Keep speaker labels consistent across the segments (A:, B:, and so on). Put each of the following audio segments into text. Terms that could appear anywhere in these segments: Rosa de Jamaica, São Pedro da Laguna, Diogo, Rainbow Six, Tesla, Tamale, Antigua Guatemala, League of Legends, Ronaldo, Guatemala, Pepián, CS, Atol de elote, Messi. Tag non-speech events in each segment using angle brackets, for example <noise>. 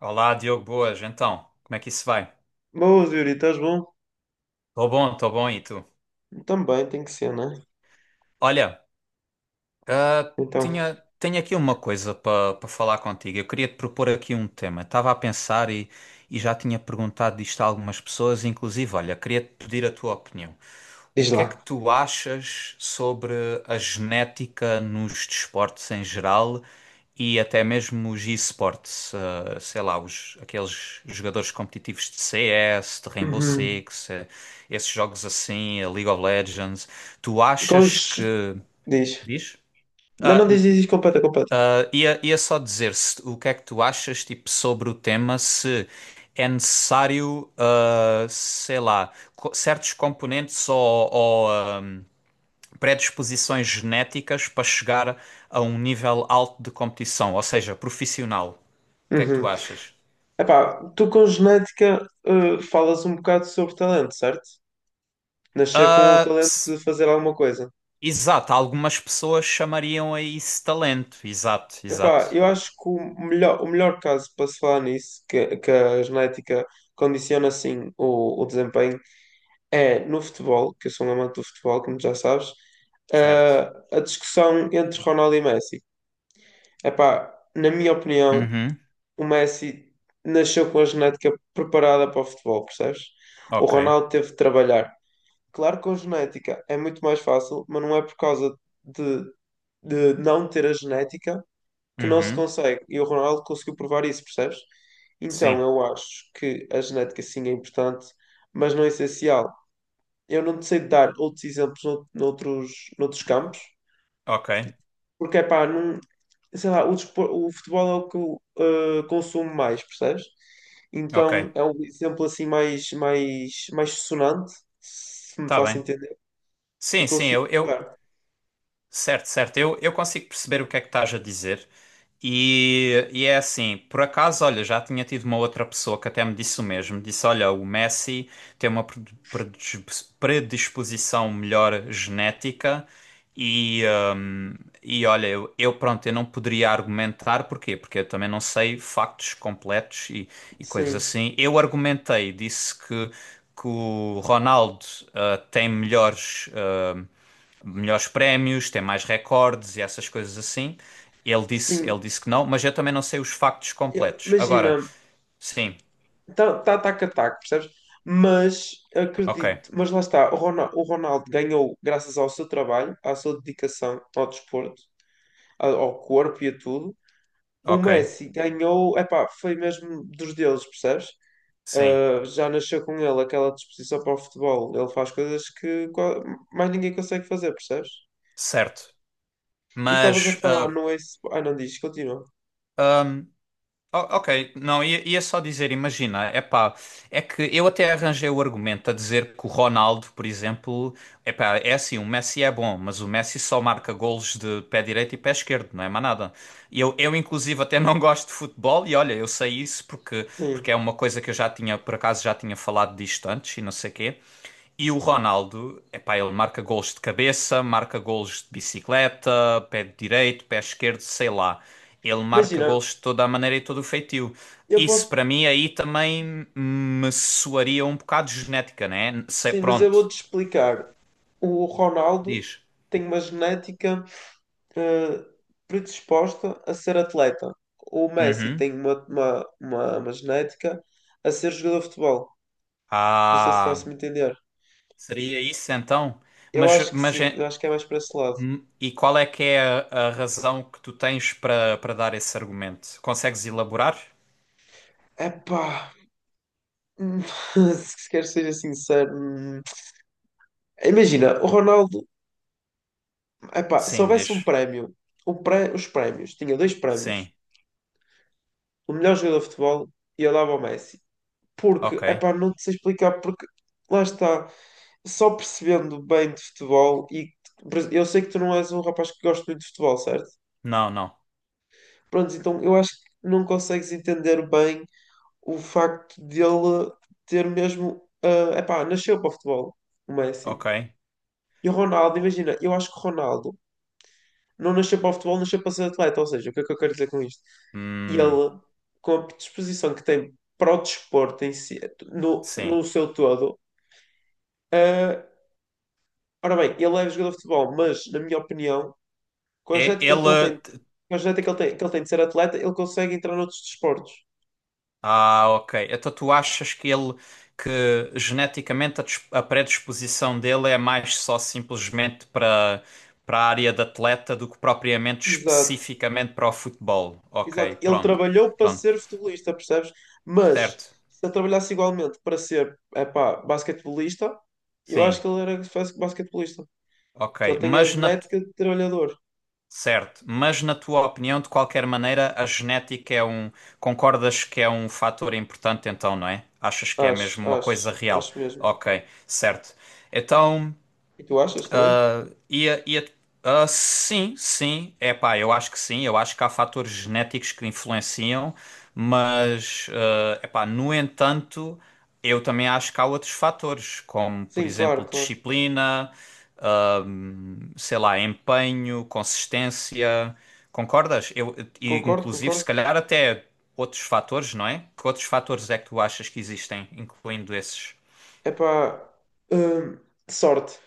A: Olá, Diogo, boas. Então, como é que isso vai?
B: Boas, Yuri, estás bom?
A: Tô bom, e tu?
B: Também tem que ser, não é?
A: Olha,
B: Então,
A: tenho aqui uma coisa para falar contigo. Eu queria te propor aqui um tema. Estava a pensar e já tinha perguntado isto a algumas pessoas, inclusive, olha, queria te pedir a tua opinião. O
B: diz
A: que é que
B: lá.
A: tu achas sobre a genética nos desportos em geral e até mesmo os esportes, sei lá, aqueles jogadores competitivos de CS, de Rainbow
B: Uhum.
A: Six, esses jogos assim, a League of Legends, tu
B: Com os...
A: achas que...
B: Diz.
A: Diz?
B: Não, não, diz, diz, diz, completa, completa.
A: Ia só dizer se, o que é que tu achas tipo, sobre o tema, se é necessário, sei lá, certos componentes ou, predisposições genéticas para chegar a um nível alto de competição, ou seja, profissional. O que é que tu
B: Uhum.
A: achas?
B: Epá, tu com genética, falas um bocado sobre talento, certo? Nascer com o
A: Ah,
B: talento de
A: s-
B: fazer alguma coisa.
A: exato, algumas pessoas chamariam a isso talento. Exato,
B: Epá,
A: exato.
B: eu acho que o melhor caso para se falar nisso, que a genética condiciona assim o desempenho, é no futebol, que eu sou um amante do futebol, como já sabes,
A: Certo.
B: a discussão entre Ronaldo e Messi. Epá, na minha opinião,
A: Uhum,
B: o Messi nasceu com a genética preparada para o futebol, percebes? O
A: ok.
B: Ronaldo teve de trabalhar. Claro que com genética é muito mais fácil, mas não é por causa de, de não ter a genética que não se
A: Uhum,
B: consegue. E o Ronaldo conseguiu provar isso, percebes? Então
A: sim,
B: eu acho que a genética sim é importante, mas não é essencial. Eu não te sei dar outros exemplos noutros campos,
A: ok,
B: porque é pá, não, sei lá, o futebol é o que eu consumo mais, percebes?
A: ok.
B: Então é um exemplo assim mais sonante, se me
A: Tá
B: faço
A: bem.
B: entender, que
A: Sim, sim,
B: consigo dar.
A: certo, certo. Eu consigo perceber o que é que estás a dizer. E é assim, por acaso, olha, já tinha tido uma outra pessoa que até me disse o mesmo. Disse: olha, o Messi tem uma predisposição melhor genética, e, hum, e olha, pronto, eu não poderia argumentar porquê, porque eu também não sei factos completos e coisas
B: Sim,
A: assim. Eu argumentei, disse que o Ronaldo tem melhores. hum, melhores prémios, tem mais recordes e essas coisas assim. Ele
B: sim.
A: disse que não, mas eu também não sei os factos completos. Agora,
B: Imagina.
A: sim,
B: Tá ataque a ataque, percebes? Mas
A: ok,
B: acredito, mas lá está, o Ronaldo ganhou graças ao seu trabalho, à sua dedicação ao desporto, ao corpo e a tudo. O
A: ok,
B: Messi ganhou, epá, foi mesmo dos deuses, percebes?
A: sim,
B: Ah, já nasceu com ele aquela disposição para o futebol. Ele faz coisas que mais ninguém consegue fazer, percebes?
A: certo.
B: E estavas a
A: Mas
B: falar, não é? Ah, não, diz, continua.
A: ah, Ok, não, ia só dizer, imagina, é pá, é que eu até arranjei o argumento a dizer que o Ronaldo, por exemplo, é pá, é assim, o Messi é bom, mas o Messi só marca golos de pé direito e pé esquerdo, não é mais nada. E eu inclusive até não <laughs> gosto de futebol e olha, eu sei isso porque, porque
B: Sim.
A: é uma coisa que eu já tinha, por acaso já tinha falado disto antes e não sei quê. E o Ronaldo, epá, ele marca gols de cabeça, marca gols de bicicleta, pé direito, pé esquerdo, sei lá. Ele marca
B: Imagina,
A: gols de toda a maneira e todo o feitio.
B: eu
A: Isso
B: posso.
A: para mim aí também me soaria um bocado genética, né? Sei,
B: Sim, mas eu
A: pronto,
B: vou-te explicar. O Ronaldo
A: diz.
B: tem uma genética eh, predisposta a ser atleta. O Messi
A: Uhum.
B: tem uma genética a ser jogador de futebol. Não sei se
A: Ah,
B: faço-me entender.
A: seria isso então?
B: Eu
A: Mas,
B: acho que
A: mas
B: sim,
A: é-
B: eu acho que é mais para esse lado.
A: e qual é que é a razão que tu tens para dar esse argumento? Consegues elaborar?
B: Epá, hum, <laughs> se quer ser sincero, imagina, o Ronaldo, epá, se
A: Sim,
B: houvesse um
A: diz.
B: prémio, os prémios, tinha dois prémios,
A: Sim,
B: o melhor jogador de futebol e eu dava ao Messi. Porque,
A: ok.
B: epá, não te sei explicar, porque lá está, só percebendo bem de futebol, e eu sei que tu não és um rapaz que gosta muito de futebol, certo?
A: Não, não.
B: Pronto, então eu acho que não consegues entender bem o facto dele ter mesmo, epá, nasceu para o futebol, o
A: Ok.
B: Messi. E o Ronaldo, imagina, eu acho que o Ronaldo não nasceu para o futebol, nasceu para ser atleta, ou seja, o que é que eu quero dizer com isto? E
A: Hum,
B: ele, com a disposição que tem para o desporto em si, no,
A: sim.
B: no seu todo. ah, Ora bem, ele é jogador de futebol, mas, na minha opinião, com a
A: É,
B: genética que ele tem,
A: ele.
B: com a genética que ele tem de ser atleta, ele consegue entrar noutros desportos.
A: Ah, ok. Então tu achas que ele. Que geneticamente a predisposição dele é mais só simplesmente para para a área de atleta do que propriamente
B: Exato,
A: especificamente para o futebol.
B: exato.
A: Ok,
B: Ele
A: pronto.
B: trabalhou para
A: Pronto.
B: ser futebolista, percebes? Mas,
A: Certo.
B: se ele trabalhasse igualmente para ser, epá, basquetebolista, eu acho
A: Sim.
B: que ele era basquetebolista.
A: Ok.
B: Que ele tem a
A: Mas na
B: genética de trabalhador.
A: Certo, mas na tua opinião, de qualquer maneira, a genética é um. Concordas que é um fator importante, então, não é? Achas que é
B: Acho,
A: mesmo uma coisa
B: acho,
A: real?
B: acho mesmo.
A: Ok, certo. Então.
B: E tu achas também?
A: Ia, ia, sim, sim, é pá, eu acho que sim, eu acho que há fatores genéticos que influenciam, mas, é pá, no entanto, eu também acho que há outros fatores, como, por
B: Sim, claro,
A: exemplo,
B: claro.
A: disciplina, ah, sei lá, empenho, consistência, concordas? E,
B: Concordo,
A: inclusive,
B: concordo.
A: se calhar até outros fatores, não é? Que outros fatores é que tu achas que existem, incluindo esses?
B: Epá, hum, sorte.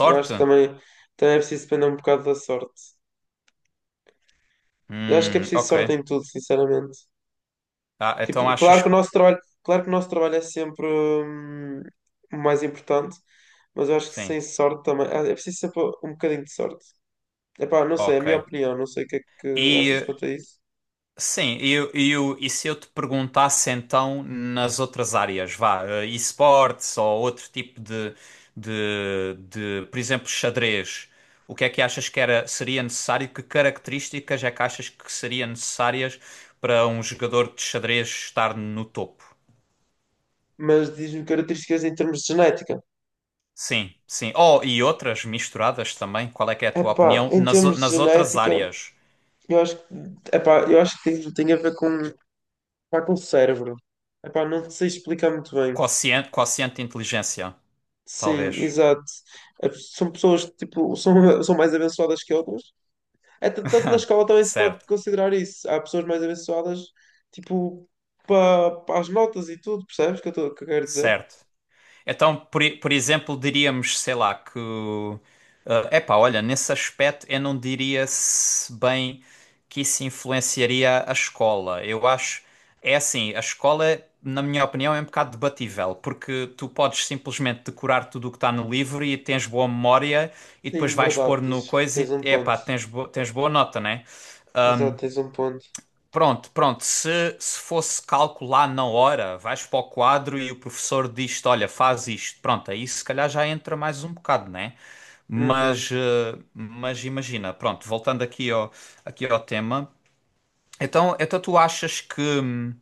B: Eu acho que também é preciso depender um bocado da sorte. Eu acho que é preciso
A: Ok.
B: sorte em tudo, sinceramente.
A: Ah,
B: Tipo,
A: então
B: claro
A: achas
B: que o
A: que...
B: nosso trabalho, claro que o nosso trabalho é sempre o mais importante, mas eu acho que
A: Sim.
B: sem sorte também. É preciso sempre um bocadinho de sorte. Epá, não sei, é a
A: Ok.
B: minha opinião, não sei o que é que achas
A: E
B: quanto a isso.
A: sim, e se eu te perguntasse então nas outras áreas, vá, esportes ou outro tipo de, de, por exemplo, xadrez, o que é que achas que era, seria necessário? Que características é que achas que seriam necessárias para um jogador de xadrez estar no topo?
B: Mas diz-me características em termos de genética.
A: Sim, sim. Oh, e outras misturadas também, qual é que é a tua
B: Epá,
A: opinião?
B: em termos de
A: Nas outras
B: genética,
A: áreas,
B: eu acho que, epá, eu acho que tem a ver com, pá, com o cérebro. Epá, não sei explicar muito bem.
A: quociente de inteligência,
B: Sim,
A: talvez.
B: exato. São pessoas que tipo, são, <laughs> são mais abençoadas que outras. É, tanto na
A: <laughs>
B: escola também se pode
A: Certo.
B: considerar isso. Há pessoas mais abençoadas, tipo, para as notas e tudo, percebes o que eu, que eu quero dizer?
A: Certo. Então, por exemplo, diríamos, sei lá, que. É epá, olha, nesse aspecto eu não diria se bem que isso influenciaria a escola. Eu acho. É assim, a escola, na minha opinião, é um bocado debatível, porque tu podes simplesmente decorar tudo o que está no livro e tens boa memória e depois
B: Sim,
A: vais
B: verdade,
A: pôr no
B: diz,
A: coisa
B: tens
A: e,
B: um ponto.
A: epá, tens boa nota, né?
B: Exato, tens um ponto.
A: Pronto, pronto. Se fosse calcular na hora, vais para o quadro e o professor diz-te: Olha, faz isto. Pronto, aí se calhar já entra mais um bocado, né?
B: Uhum.
A: Mas, mas imagina, pronto, voltando aqui ao tema. Então, então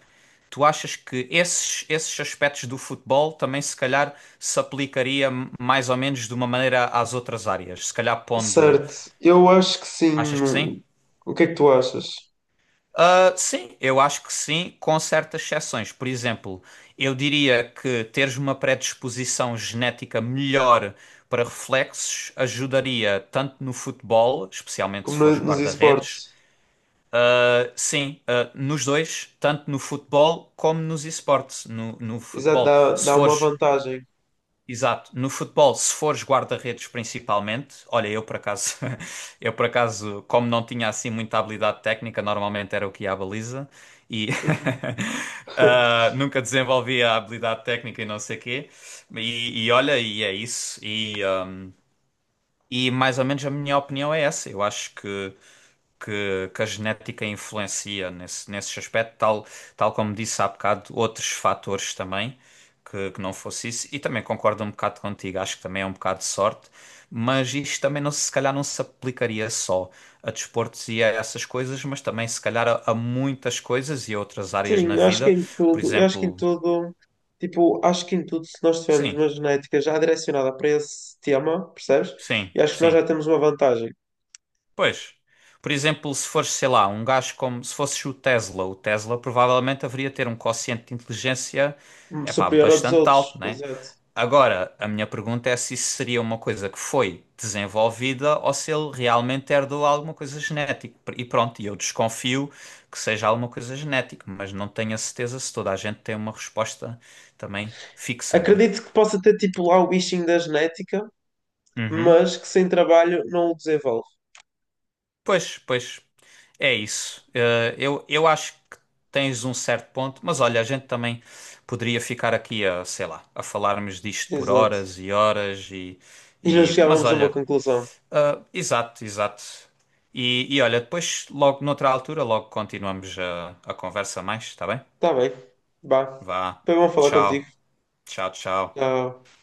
A: tu achas que esses aspectos do futebol também se calhar se aplicaria mais ou menos de uma maneira às outras áreas? Se calhar pondo.
B: Certo, eu acho que sim.
A: Achas que sim?
B: O que é que tu achas?
A: Ah, sim, eu acho que sim, com certas exceções. Por exemplo, eu diria que teres uma predisposição genética melhor para reflexos ajudaria tanto no futebol, especialmente se
B: Como
A: fores
B: nos
A: guarda-redes.
B: esportes,
A: Ah, sim, ah, nos dois, tanto no futebol como nos esportes. No
B: exato,
A: futebol,
B: dá,
A: se
B: dá uma
A: fores
B: vantagem.
A: Exato. No futebol, se fores guarda-redes principalmente, olha, eu por acaso, <laughs> eu por acaso, como não tinha assim muita habilidade técnica, normalmente era o que ia à baliza e
B: Uhum.
A: <laughs>
B: <laughs>
A: nunca desenvolvia a habilidade técnica e não sei quê. E olha, e é isso. E, ah, e mais ou menos a minha opinião é essa. Eu acho que a genética influencia nesse, nesse aspecto, tal, tal como disse há bocado, outros fatores também, que não fosse isso. E também concordo um bocado contigo, acho que também é um bocado de sorte, mas isto também não, se se calhar não se aplicaria só a desportos e a essas coisas, mas também se calhar a muitas coisas e a outras áreas
B: Sim,
A: na
B: eu acho que
A: vida.
B: em
A: Por
B: tudo, eu acho que em
A: exemplo,
B: tudo, tipo, acho que em tudo, se nós tivermos
A: sim,
B: uma genética já direcionada para esse tema, percebes?
A: sim,
B: Eu acho que nós
A: sim.
B: já temos uma vantagem
A: Pois, por exemplo, se fores, sei lá, um gajo como se fosses o Tesla provavelmente haveria ter um quociente de inteligência, epá,
B: superior à dos
A: bastante
B: outros,
A: alto, né?
B: exato.
A: Agora, a minha pergunta é se isso seria uma coisa que foi desenvolvida ou se ele realmente herdou alguma coisa genética. E pronto, e eu desconfio que seja alguma coisa genética, mas não tenho a certeza se toda a gente tem uma resposta também fixa, não é?
B: Acredito que possa ter, tipo, lá o bichinho da genética,
A: Uhum.
B: mas que sem trabalho não o desenvolve.
A: Pois, pois, é isso. Eu acho que tens um certo ponto, mas olha, a gente também poderia ficar aqui a, sei lá, a falarmos disto por
B: Exato.
A: horas e horas
B: E não
A: e mas
B: chegávamos a uma
A: olha,
B: conclusão.
A: ah, exato, exato. E olha, depois, logo noutra altura, logo continuamos a conversa mais, está bem?
B: Tá bem, vá.
A: Vá,
B: Foi bom falar contigo.
A: tchau, tchau, tchau.
B: Tchau.